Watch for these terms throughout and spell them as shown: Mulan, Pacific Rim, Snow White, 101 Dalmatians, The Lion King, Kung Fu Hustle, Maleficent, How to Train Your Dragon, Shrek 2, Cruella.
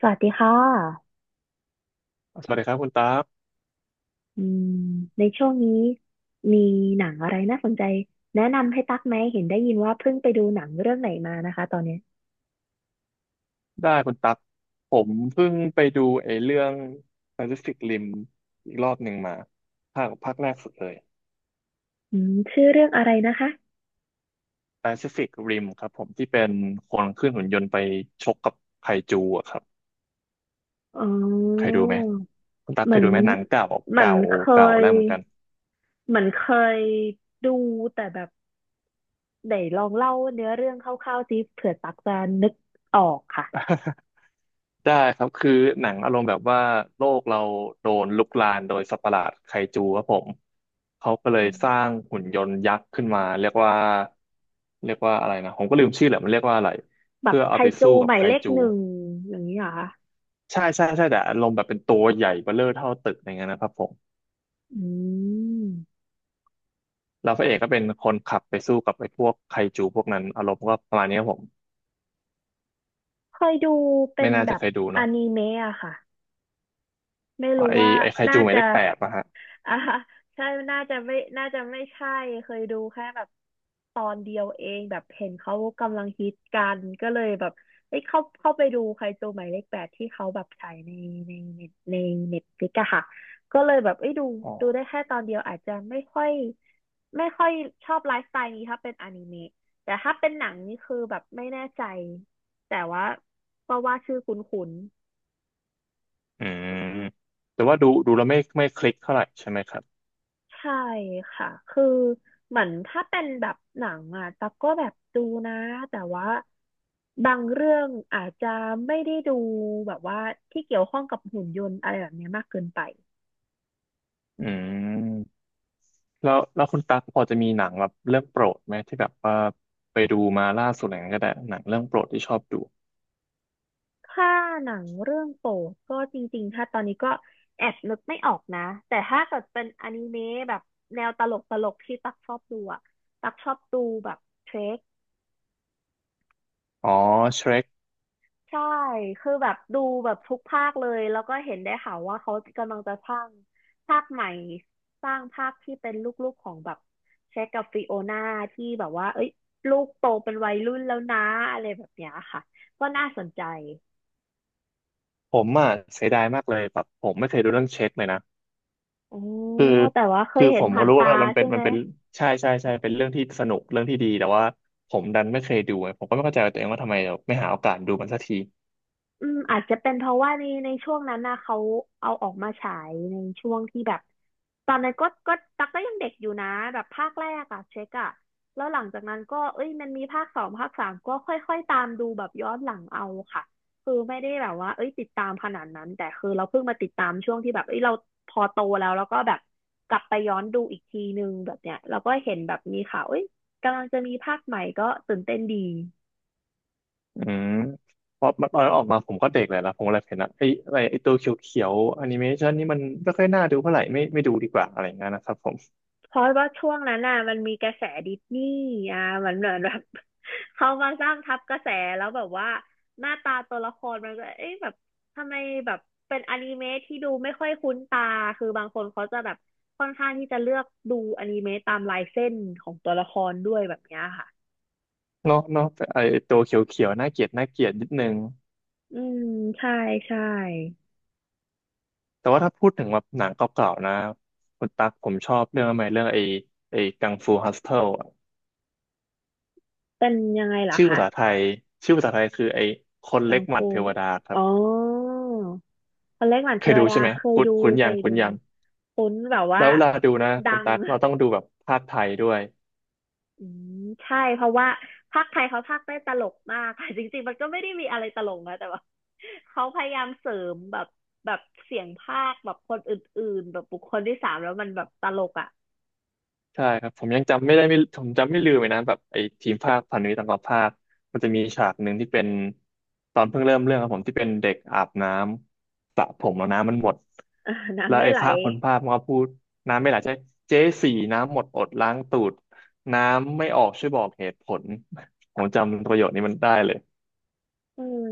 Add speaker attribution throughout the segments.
Speaker 1: สวัสดีค่ะ
Speaker 2: สวัสดีครับคุณตั๊ก
Speaker 1: อืมในช่วงนี้มีหนังอะไรน่าสนใจแนะนำให้ตักไหมเห็นได้ยินว่าเพิ่งไปดูหนังเรื่องไหนมานะคะตอนเนี้ย
Speaker 2: ได้คุณตั๊ก ผมเพิ่งไปดูไอ้เรื่อง Pacific Rim อีกรอบหนึ่งมาภาคแรกสุดเลย
Speaker 1: อืมชื่อเรื่องอะไรนะคะ
Speaker 2: Pacific Rim ครับผมที่เป็นคนขึ้นหุ่นยนต์ไปชกกับไคจูอะครับ
Speaker 1: อ๋
Speaker 2: เคย
Speaker 1: อ
Speaker 2: ดูไหม คุณตั๊ก
Speaker 1: เห
Speaker 2: เค
Speaker 1: มือ
Speaker 2: ย
Speaker 1: น
Speaker 2: ดูไหมหนังเก่า
Speaker 1: เหมือ
Speaker 2: เก่า
Speaker 1: นเค
Speaker 2: เก่า
Speaker 1: ย
Speaker 2: แล้วเหมือนกัน
Speaker 1: เหมือนเคยดูแต่แบบไหนลองเล่าเนื้อเรื่องคร่าวๆสิเผื่อตักจะนึกออกค่ะ
Speaker 2: ได้ครับคือหนังอารมณ์แบบว่าโลกเราโดนลุกลานโดยสัตว์ประหลาดไคจูครับผมเขาก็เลย
Speaker 1: อืม
Speaker 2: สร้างหุ่นยนต์ยักษ์ขึ้นมาเรียกว่าเรียกว่าอะไรนะผมก็ลืมชื่อแหละมันเรียกว่าอะไร
Speaker 1: แบบ
Speaker 2: เพื่อ
Speaker 1: ไค
Speaker 2: เอาไป
Speaker 1: จู
Speaker 2: สู้กั
Speaker 1: ห
Speaker 2: บ
Speaker 1: มาย
Speaker 2: ไค
Speaker 1: เลข
Speaker 2: จู
Speaker 1: หนึ่งอย่างนี้เหรอคะ
Speaker 2: ใช่ใช่ใช่แต่อารมณ์แบบเป็นตัวใหญ่เบ้อเร่อเท่าตึกอย่างเงี้ยนะครับผม
Speaker 1: อืม
Speaker 2: แล้วพระเอกก็เป็นคนขับไปสู้กับไอ้พวกไคจูพวกนั้นอารมณ์ก็ประมาณนี้ครับผม
Speaker 1: เคยดูเป็
Speaker 2: ไม่
Speaker 1: น
Speaker 2: น่า
Speaker 1: แบ
Speaker 2: จะ
Speaker 1: บ
Speaker 2: เคยดู
Speaker 1: อ
Speaker 2: เนาะ
Speaker 1: นิเมะอะค่ะ ไม่รู้
Speaker 2: ไอ้
Speaker 1: ว่า
Speaker 2: ไอ้ไคจู
Speaker 1: น่า
Speaker 2: หมายเล
Speaker 1: จะ
Speaker 2: ขแปดนะฮะ
Speaker 1: อ่าใช่น่าจะไม่น่าจะไม่ใช่เคยดูแค่แบบตอนเดียวเองแบบเห็นเขากำลังฮิตกันก็เลยแบบเอ้ยเข้าไปดูใครจูหมายเลขแปดที่เขาแบบฉายในในเน็ตฟลิกอะค่ะก็เลยแบบเอ้ยดู
Speaker 2: อ๋อ
Speaker 1: ดูได้แค่ตอนเดียวอาจจะไม่ค่อยชอบไลฟ์สไตล์นี้ถ้าเป็นอนิเมะแต่ถ้าเป็นหนังนี่คือแบบไม่แน่ใจแต่ว่าก็ว่าชื่อคุ้น
Speaker 2: อืมแต่ว่าดูดูแล้วไม่คลิกเท่าไหร่ใช่ไหมครับ
Speaker 1: ใช่ค่ะ คือเหมือนถ้าเป็นแบบหนังอ่ะตั๊กก็แบบดูนะแต่ว่าบางเรื่องอาจจะไม่ได้ดูแบบว่าที่เกี่ยวข้องกับหุ่นยนต์อะไรแบบเนี้ยมากเกินไป
Speaker 2: อืมแล้วคุณตั๊กพอจะมีหนังแบบเรื่องโปรดไหมที่แบบว่าไปดูมาล่าสุดอะไรอย่างเงี้ยก็ได้หนังเรื่องโปรดที่ชอบดู
Speaker 1: ถ้าหนังเรื่องโปรดก็จริงๆถ้าตอนนี้ก็แอบนึกไม่ออกนะแต่ถ้าเกิดเป็นอนิเมะแบบแนวตลกตลกที่ตักชอบดูอะตักชอบดูแบบเทร
Speaker 2: อ๋อเชร e ก
Speaker 1: ใช่ คือแบบดูแบบทุกภาคเลย แล้วก็เห็นได้ข่าวว่าเขากำลังจะสร้างภาคใหม่สร้างภาคที่เป็นลูกๆของแบบเช็คกับฟิโอนาที่แบบว่าเอ้ยลูกโตเป็นวัยรุ่นแล้วนะอะไรแบบเนี้ยค่ะก็น่าสนใจ
Speaker 2: ผมอ่ะเสียดายมากเลยแบบผมไม่เคยดูเรื่องเชร e กเลยนะ
Speaker 1: อ๋อ
Speaker 2: คือ
Speaker 1: แต่ว่าเค
Speaker 2: คื
Speaker 1: ย
Speaker 2: อ
Speaker 1: เห็
Speaker 2: ผ
Speaker 1: น
Speaker 2: มก็
Speaker 1: ผ่าน
Speaker 2: รู้
Speaker 1: ตา
Speaker 2: ว่ามันเป็
Speaker 1: ใช่
Speaker 2: นมั
Speaker 1: ไหม
Speaker 2: นเป็นใช่ใช่ใช่เป็นเรื่องที่สนุกเรื่องที่ดีแต่ว่าผมดันไม่เคยดูไงผมก็ไม่เข้าใจตัวเองว่าทำไมเราไม่หาโอกาสดูมันสักที
Speaker 1: อืมอาจจะเป็นเพราะว่าในช่วงนั้นนะเขาเอาออกมาฉายในช่วงที่แบบตอนนั้นก็ตักก็ยังเด็กอยู่นะแบบภาคแรกอะเช็คอะแล้วหลังจากนั้นก็เอ้ยมันมีภาคสองภาคสามก็ค่อยๆตามดูแบบย้อนหลังเอาค่ะคือไม่ได้แบบว่าเอ้ยติดตามขนาดนั้นแต่คือเราเพิ่งมาติดตามช่วงที่แบบเอ้ยเราพอโตแล้วแล้วก็แบบกลับไปย้อนดูอีกทีนึงแบบเนี้ยเราก็เห็นแบบมีข่าวเอ้ยกำลังจะมีภาคใหม่ก็ตื่นเต้นดี
Speaker 2: อืมเพราะมันตอนนั้นออกมาผมก็เด็กเลยนะผมเลยเห็นนะไอ้อะไรไอ้ตัวเขียวๆแอนิเมชันนี่มันไม่ค่อยน่าดูเท่าไหร่ไม่ดูดีกว่าอะไรอย่างเงี้ยนะครับผม
Speaker 1: เพราะว่าช่วงนั้นน่ะมันมีกระแสดิสนีย์อ่ะมันเหมือนแบบ เขามาสร้างทับกระแสแล้วแบบว่าหน้าตาตัวละครมันก็เอ๊ะแบบทำไมแบบเป็นอนิเมะที่ดูไม่ค่อยคุ้นตาคือบางคนเขาจะแบบค่อนข้างที่จะเลือกดูอนิเมะตามลายเส้นของตัวละครด้วยแบบเนี้ยค่ะ
Speaker 2: เนาะเนาะแต่ไอตัวเขียวๆน่าเกลียดน่าเกลียดนิดนึง
Speaker 1: อืมใช่ใช่
Speaker 2: แต่ว่าถ้าพูดถึงแบบหนังเก่าๆนะคุณตั๊กผมชอบเรื่องอะไรเรื่องไอกังฟูฮัสเทิลอะ
Speaker 1: เป็นยังไงล่ะ
Speaker 2: ชื่อภา
Speaker 1: คะ
Speaker 2: ษาไทยชื่อภาษาไทยคือไอคน
Speaker 1: กั
Speaker 2: เล็ก
Speaker 1: ง
Speaker 2: หมัด
Speaker 1: ฟู
Speaker 2: เทวดาครั
Speaker 1: อ๋
Speaker 2: บ
Speaker 1: อคนเล็กหวาน
Speaker 2: เค
Speaker 1: เท
Speaker 2: ย
Speaker 1: ว
Speaker 2: ดู
Speaker 1: ดา
Speaker 2: ใช่ไหม
Speaker 1: เคย
Speaker 2: คุ้น
Speaker 1: ดู
Speaker 2: คุ้น
Speaker 1: เค
Speaker 2: ยัง
Speaker 1: ย
Speaker 2: คุ้
Speaker 1: ดู
Speaker 2: นยัง
Speaker 1: คุ้นแบบว่า
Speaker 2: แล้วเวลาดูนะ
Speaker 1: ดั
Speaker 2: คุณ
Speaker 1: ง
Speaker 2: ตั๊กเราต้องดูแบบภาคไทยด้วย
Speaker 1: อืมใช่เพราะว่าภาคไทยเขาพากย์ได้ตลกมากค่ะ จริงๆมันก็ไม่ได้มีอะไรตลกนะแต่ว่า เขาพยายามเสริมแบบแบบเสียงภาคแบบคนอื่นๆแบบบุคคลที่สามแล้วมันแบบตลกอ่ะ
Speaker 2: ใช่ครับผมยังจำไม่ได้ไม่ผมจำไม่ลืมเลยนะแบบไอ้ทีมภาคพันธมิตรต่างกับภาคมันจะมีฉากหนึ่งที่เป็นตอนเพิ่งเริ่มเรื่องครับผมที่เป็นเด็กอาบน้ำสระผมแล้วน้ำมันหมด
Speaker 1: เออ
Speaker 2: แล้
Speaker 1: น้ำ
Speaker 2: ว
Speaker 1: ไม่
Speaker 2: ไอ้
Speaker 1: ไหล
Speaker 2: พระคนภาคมันก็พูดน้ำไม่ไหลใช่เจ๊สี่น้ำหมดอดล้างตูดน้ำไม่ออกช่วยบอกเหตุผลผมจำประโยคนี้มันได้เลย
Speaker 1: อืม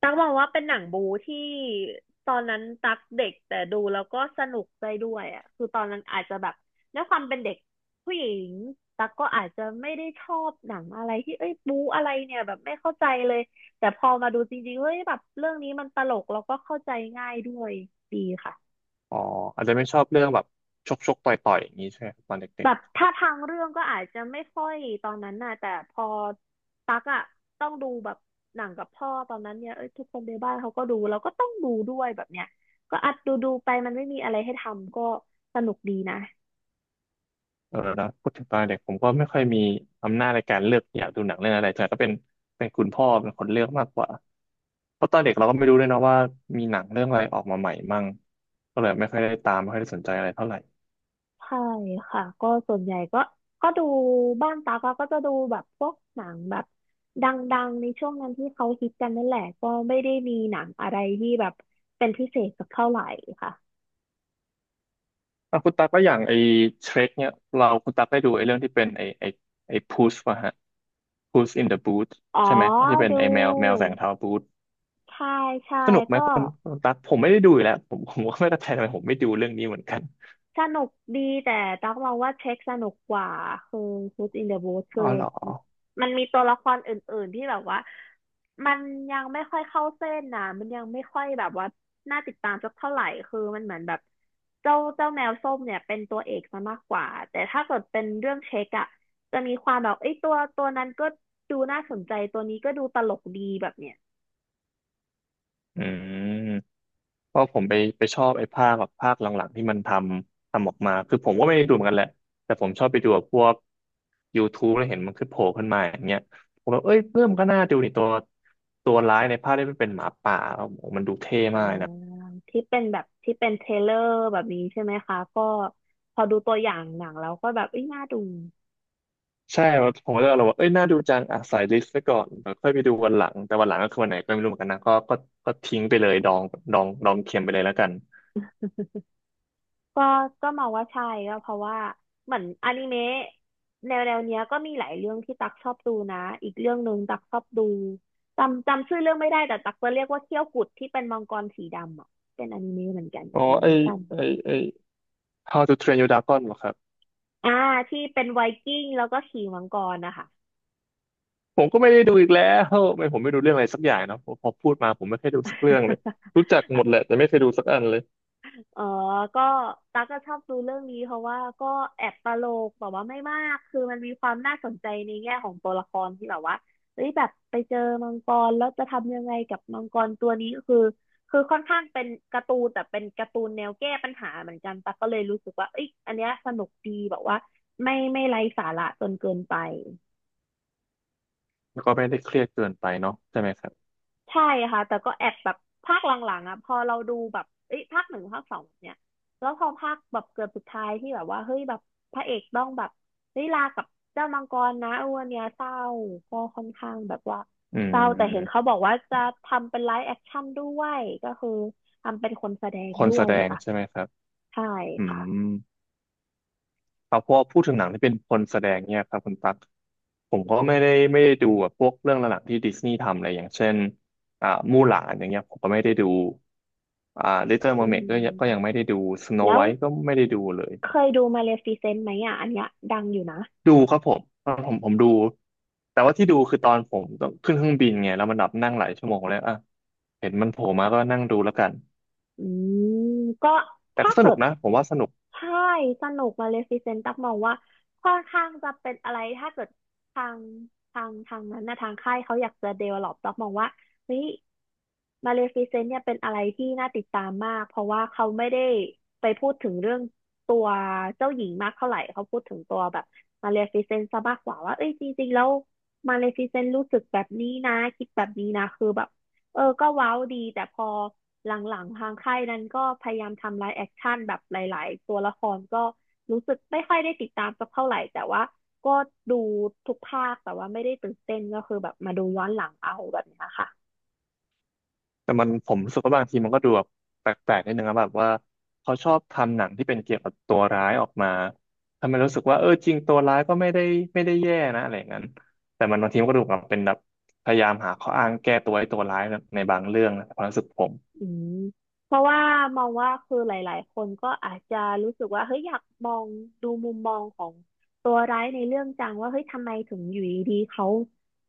Speaker 1: ตั๊กมองว่าเป็นหนังบู๊ที่ตอนนั้นตั๊กเด็กแต่ดูแล้วก็สนุกได้ด้วยอ่ะคือตอนนั้นอาจจะแบบด้วยความเป็นเด็กผู้หญิงตั๊กก็อาจจะไม่ได้ชอบหนังอะไรที่เอ้ยบู๊อะไรเนี่ยแบบไม่เข้าใจเลยแต่พอมาดูจริงๆเฮ้ยแบบเรื่องนี้มันตลกแล้วก็เข้าใจง่ายด้วยดีค่ะ
Speaker 2: อ๋ออาจจะไม่ชอบเรื่องแบบชกชกต่อยต่อยอย่างนี้ใช่ไหมครับตอนเด็
Speaker 1: แบ
Speaker 2: ก
Speaker 1: บถ้าทางเรื่องก็อาจจะไม่ค่อยตอนนั้นน่ะแต่พอตักอะต้องดูแบบหนังกับพ่อตอนนั้นเนี่ยเอ้ยทุกคนในบ้านเขาก็ดูเราก็ต้องดูด้วยแบบเนี้ยก็อัดดูดูไปมันไม่มีอะไรให้ทำก็สนุกดีนะ
Speaker 2: เออแล้วพูดถึงตอนเด็กผมก็ไม่ค่อยมีอำนาจในการเลือกอยากดูหนังเรื่องอะไรแต่ก็เป็นเป็นคุณพ่อเป็นคนเลือกมากกว่าเพราะตอนเด็กเราก็ไม่รู้ด้วยเนาะว่ามีหนังเรื่องอะไรออกมาใหม่มั่งก็เลยไม่ค่อยได้ตามไม่ค่อยได้สนใจอะไรเท่าไหร่
Speaker 1: ใช่ค่ะก็ส่วนใหญ่ก็ดูบ้านตากอะก็จะดูแบบพวกหนังแบบดังๆในช่วงนั้นที่เขาฮิตกันนั่นแหละก็ไม่ได้มีหนังอะไรที่แบบเป็นพิเศษสักเท่าไหร่ค่ะ
Speaker 2: อ่ะคุณตั๊กก็อย่างไอ้เทรคเนี่ยเราคุณตั๊กได้ดูไอ้เรื่องที่เป็นไอ้พูสป่ะฮะพูสอินเดอะบูธ
Speaker 1: อ๋อ
Speaker 2: ใช่ไหมไอ้ที่เป็น
Speaker 1: ดู
Speaker 2: ไอ้แมวแมวแสงเทาบูธ
Speaker 1: ใช่ใช่
Speaker 2: สนุกไหม
Speaker 1: ก็
Speaker 2: คุณคุณตั๊กผมไม่ได้ดูอยู่แล้วผมผมก็ไม่เข้าใจทำไมผมไม่ดูเรื่องนี้เหมือนกัน
Speaker 1: สนุกดีแต่ตั๊กมองว่าเช็คสนุกกว่าคือ Food in the Booth
Speaker 2: อ๋
Speaker 1: คื
Speaker 2: อ
Speaker 1: อ
Speaker 2: เหรอ
Speaker 1: มันมีตัวละครอื่นๆที่แบบว่ามันยังไม่ค่อยเข้าเส้นนะมันยังไม่ค่อยแบบว่าน่าติดตามสักเท่าไหร่คือมันเหมือนแบบเจ้าแมวส้มเนี่ยเป็นตัวเอกซะมากกว่าแต่ถ้าเกิดเป็นเรื่องเช็คอะจะมีความแบบเอ้ยตัวนั้นก็ดูน่าสนใจตัวนี้ก็ดูตลกดีแบบเนี้ย
Speaker 2: อืม เพราะผมไปชอบไอ้ภาคแบบภาคหลังๆที่มันทำออกมาคือผมก็ไม่ได้ดูเหมือนกันแหละ แต่ผมชอบไปดูกับพวก YouTube แล้วเห็นมันขึ้นโผล่ขึ้นมาอย่างเงี้ยผมแบบเอ้ยเริ่มก็น่าดูนี่ตัวร้ายในภาคได้เป็นหมาป่าแล้วโอ้โหมันดูเท่
Speaker 1: อ่า
Speaker 2: มากเลยนะ
Speaker 1: ที่เป็นแบบที่เป็นเทรลเลอร์แบบนี้ใช่ไหมคะก็พอดูตัวอย่างหนังแล้วก็แบบเอ้ยน่าดู
Speaker 2: ใช่ครับผมก็เลยเราว่าเอ้ยน่าดูจังอ่ะใส่ลิสต์ไว้ก่อนเดี๋ยวค่อยไปดูวันหลังแต่วันหลังก็คือวันไหนก็ไม่รู้เหมือนกันนะก็ทิ้งไปเลยดองดองดองเข็มไปเลยแล้วกัน
Speaker 1: ก็มองว่าใช่ก็เพราะว่าเหมือนอนิเมะแนวเนี้ยก็มีหลายเรื่องที่ตักชอบดูนะอีกเรื่องหนึ่งตักชอบดูจำชื่อเรื่องไม่ได้แต่ตักจะเรียกว่าเขี้ยวกุดที่เป็นมังกรสีดำอ่ะเป็นอนิเมะเหมือนกัน
Speaker 2: อ๋อ
Speaker 1: อนิเมชั่น
Speaker 2: ไอ้ How to Train Your Dragon เหรอครับ
Speaker 1: อ่าที่เป็นไวกิ้งแล้วก็ขี่มังกรนะคะ
Speaker 2: ผมก็ไม่ได้ดูอีกแล้วไม่ผมไม่ดูเรื่องอะไรสักอย่างเนาะพอพูดมาผมไม่เคยดูสักเรื่องเลยรู้จักหมด แหละแต่ไม่เคยดูสักอันเลย
Speaker 1: อ๋อก็ตั๊กก็ชอบดูเรื่องนี้เพราะว่าก็แอบตลกแบบว่าไม่มากคือมันมีความน่าสนใจในแง่ของตัวละครที่แบบว่าเฮ้ยแบบไปเจอมังกรแล้วจะทำยังไงกับมังกรตัวนี้คือค่อนข้างเป็นการ์ตูนแต่เป็นการ์ตูนแนวแก้ปัญหาเหมือนกันตั๊กก็เลยรู้สึกว่าเอ้ยอันเนี้ยสนุกดีแบบว่าไม่ไร้สาระจนเกินไป
Speaker 2: แล้วก็ไม่ได้เครียดเกินไปเนาะใช่ไหมครับ
Speaker 1: ใช่ค่ะแต่ก็แอบแบบภาคหลังๆอ่ะพอเราดูแบบเอ้ยภาคหนึ่งภาคสองเนี่ยแล้วพอภาคแบบเกือบสุดท้ายที่แบบว่าเฮ้ยแบบพระเอกต้องแบบได้ยลากับเจ้ามังกรนะอ้วนเนี่ยเศร้าก็ค่อนข้างแบบว่า
Speaker 2: อื
Speaker 1: เศร้าแต่เห็นเขา
Speaker 2: ม
Speaker 1: บอกว่าจะทำเป็นไลฟ์แอคชั่นด้วยก็คือทำเป็นคนแสดง
Speaker 2: คน
Speaker 1: ด้
Speaker 2: แส
Speaker 1: วย
Speaker 2: ดง
Speaker 1: ค่ะ
Speaker 2: ใช่ไหมครับ
Speaker 1: ใช่
Speaker 2: อื
Speaker 1: ค่ะ
Speaker 2: มเอาพอพูดถึงหนังที่เป็นคนแสดงเนี่ยครับคุณตั๊กผมก็ไม่ได้ไม่ได้ดูแบบพวกเรื่องหลักๆที่ดิสนีย์ทำอะไรอย่างเช่นอ่ามู่หลานอย่างเงี้ยผมก็ไม่ได้ดูอ่าลิตเติ้ลเมอ
Speaker 1: อื
Speaker 2: ร์เมก็ยังก็ยัง
Speaker 1: ม
Speaker 2: ไม่ได้ดูสโน
Speaker 1: แล้
Speaker 2: ไว
Speaker 1: ว
Speaker 2: ท์ก็ไม่ได้ดูเลย
Speaker 1: เคยดูมาเลฟิเซนต์ไหมอ่ะอันเนี้ยดังอยู่นะ
Speaker 2: ดูครับผมตอนผมดูแต่ว่าที่ดูคือตอนผมต้องขึ้นเครื่องบินไงแล้วมันแบบนั่งหลายชั่วโมงแล้วอ่ะเห็นมันโผล่มาก็นั่งดูแล้วกัน
Speaker 1: อืมก็
Speaker 2: แต่
Speaker 1: ถ้า
Speaker 2: ก็ส
Speaker 1: เกิ
Speaker 2: นุก
Speaker 1: ด
Speaker 2: นะผมว่าสนุก
Speaker 1: ใช่สนุกมาเลฟิเซนต์ตักมองว่าค่อนข้างจะเป็นอะไรถ้าเกิดทางทางนั้นนะทางค่ายเขาอยากจะเด v e ล o อปตักมองว่าเฮ้ยมาเลฟิเซนต์เนี่ยเป็นอะไรที่น่าติดตามมากเพราะว่าเขาไม่ได้ไปพูดถึงเรื่องตัวเจ้าหญิงมากเท่าไหร่เขาพูดถึงตัวแบบมาเลฟิเซนต์ซะมากกว่าว่าเอ้ยจริงๆแล้วมาเลฟิเซนต์รู้สึกแบบนี้นะคิดแบบนี้นะคือแบบเออก็ว้าวดีแต่พอ หลังๆทางค่ายนั้นก็พยายามทำไลฟ์แอคชั่นแบบหลายๆตัวละครก็รู้สึกไม่ค่อยได้ติดตามสักเท่าไหร่แต่ว่าก็ดูทุกภาคแต่ว่าไม่ได้ตื่นเต้นก็คือแบบมาดูย้อนหลังเอาแบบเนี้ยค่ะ
Speaker 2: แต่มันผมรู้สึกว่าบางทีมันก็ดูแบบแปลกๆนิดนึงนะแบบว่าเขาชอบทำหนังที่เป็นเกี่ยวกับตัวร้ายออกมาทำให้รู้สึกว่าเออจริงตัวร้ายก็ไม่ได้แย่นะอะไรอย่างนั้นแต่มันบางทีมันก็ดูแบบเป็นแบบพยายามหาข้ออ้างแก้ตัวให้ตัวร้ายในบางเรื่องนะความรู้สึกผม
Speaker 1: อืมเพราะว่ามองว่าคือหลายๆคนก็อาจจะรู้สึกว่าเฮ้ยอยากมองดูมุมมองของตัวร้ายในเรื่องจังว่าเฮ้ยทำไมถึงอยู่ดีๆเขา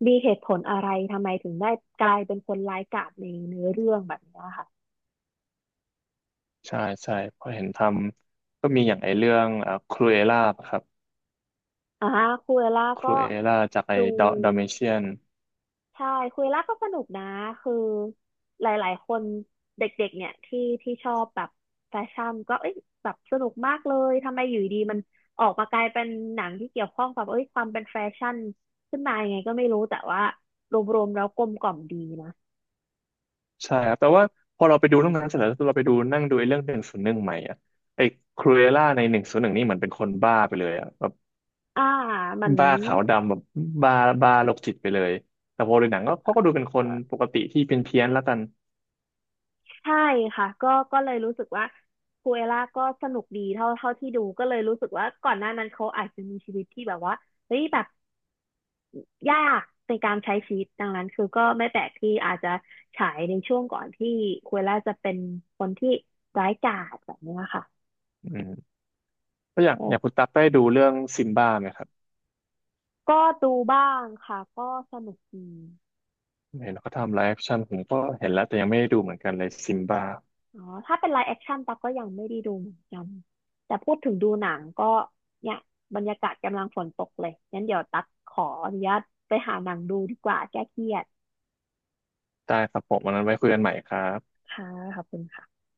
Speaker 1: มีเหตุผลอะไรทำไมถึงได้กลายเป็นคนร้ายกาจในเนื้อเรื่องแบบเนี้ยค่ะ
Speaker 2: ใช่ใช่เพราะเห็นทำก็มีอย่างไอเรื่องครูเอล่าครับ
Speaker 1: อ่าคุเอล่า
Speaker 2: ค
Speaker 1: ก็
Speaker 2: รูเอล่าจากไอ
Speaker 1: ดู
Speaker 2: ดอดอเมเชียน
Speaker 1: ใช่คุเอล่าก็สนุกนะคือหลายๆคนเด็กๆเนี่ยที่ชอบแบบแฟชั่นก็เอ้ยแบบสนุกมากเลยทำไมอยู่ดีมันออกมากลายเป็นหนังที่เกี่ยวข้องกับเอ้ยความเป็นแฟชั่นขึ้นมายังไงก็ไม่รู้แต่ว่ารวมๆแล้วกลมกล่อมดีนะ
Speaker 2: ใช่ครับแต่ว่าพอเราไปดูตรองนั้นเสร็จแล้วเราไปดูนั่งดูไอเรื่องหนึ่งศูนย์หนึ่งใหม่อ่ะไอครูเอล่าในหนึ่งศูนย์หนึ่งนี่เหมือนเป็นคนบ้าไปเลยอ่ะแบบ
Speaker 1: อ่ามัน
Speaker 2: บ้าขาวดำแบบบ้าบ้าโรคจิตไปเลยแต่พอดนหนังก็เขาก็ดูเป็นค
Speaker 1: เอ
Speaker 2: น
Speaker 1: อ
Speaker 2: ปกติที่เพี้ยนๆแล้วกัน
Speaker 1: ใช่ค่ะก็ก็เลยรู้สึกว่าคูเอล่าก็สนุกดีเท่าเท่าที่ดูก็เลยรู้สึกว่าก่อนหน้านั้นเขาอาจจะมีชีวิตที่แบบว่าเฮ้ยแบบ ยากในการใช้ชีวิตดังนั้นคือก็ไม่แปลกที่อาจจะฉายในช่วงก่อนที่คุเรล่าจะเป็นคนที่ร้ายกาจแบบเนี้ยค่ะ
Speaker 2: อืมก็อย่าง
Speaker 1: แต่
Speaker 2: อย่างคุณตั๊กได้ดูเรื่องซิมบ้าไหมครับ
Speaker 1: ก็ดูบ้างค่ะก็สนุกดี
Speaker 2: เห็นเขาทำไลฟ์แอคชั่นผมก็เห็นแล้วแต่ยังไม่ได้ดูเหมือนกันเลยซิมบ้า
Speaker 1: อ๋อถ้าเป็นไลฟ์แอคชั่นตั๊กก็ยังไม่ได้ดูเหมือนกันแต่พูดถึงดูหนังก็เนี่ยบรรยากาศกำลังฝนตกเลยงั้นเดี๋ยวตั๊กขออนุญาตไปหาหนังดูดีกว่าแก้เครียด
Speaker 2: ได้ครับผมวันนั้นไว้คุยกันใหม่ครับ
Speaker 1: ค่ะขอบคุณค่ะ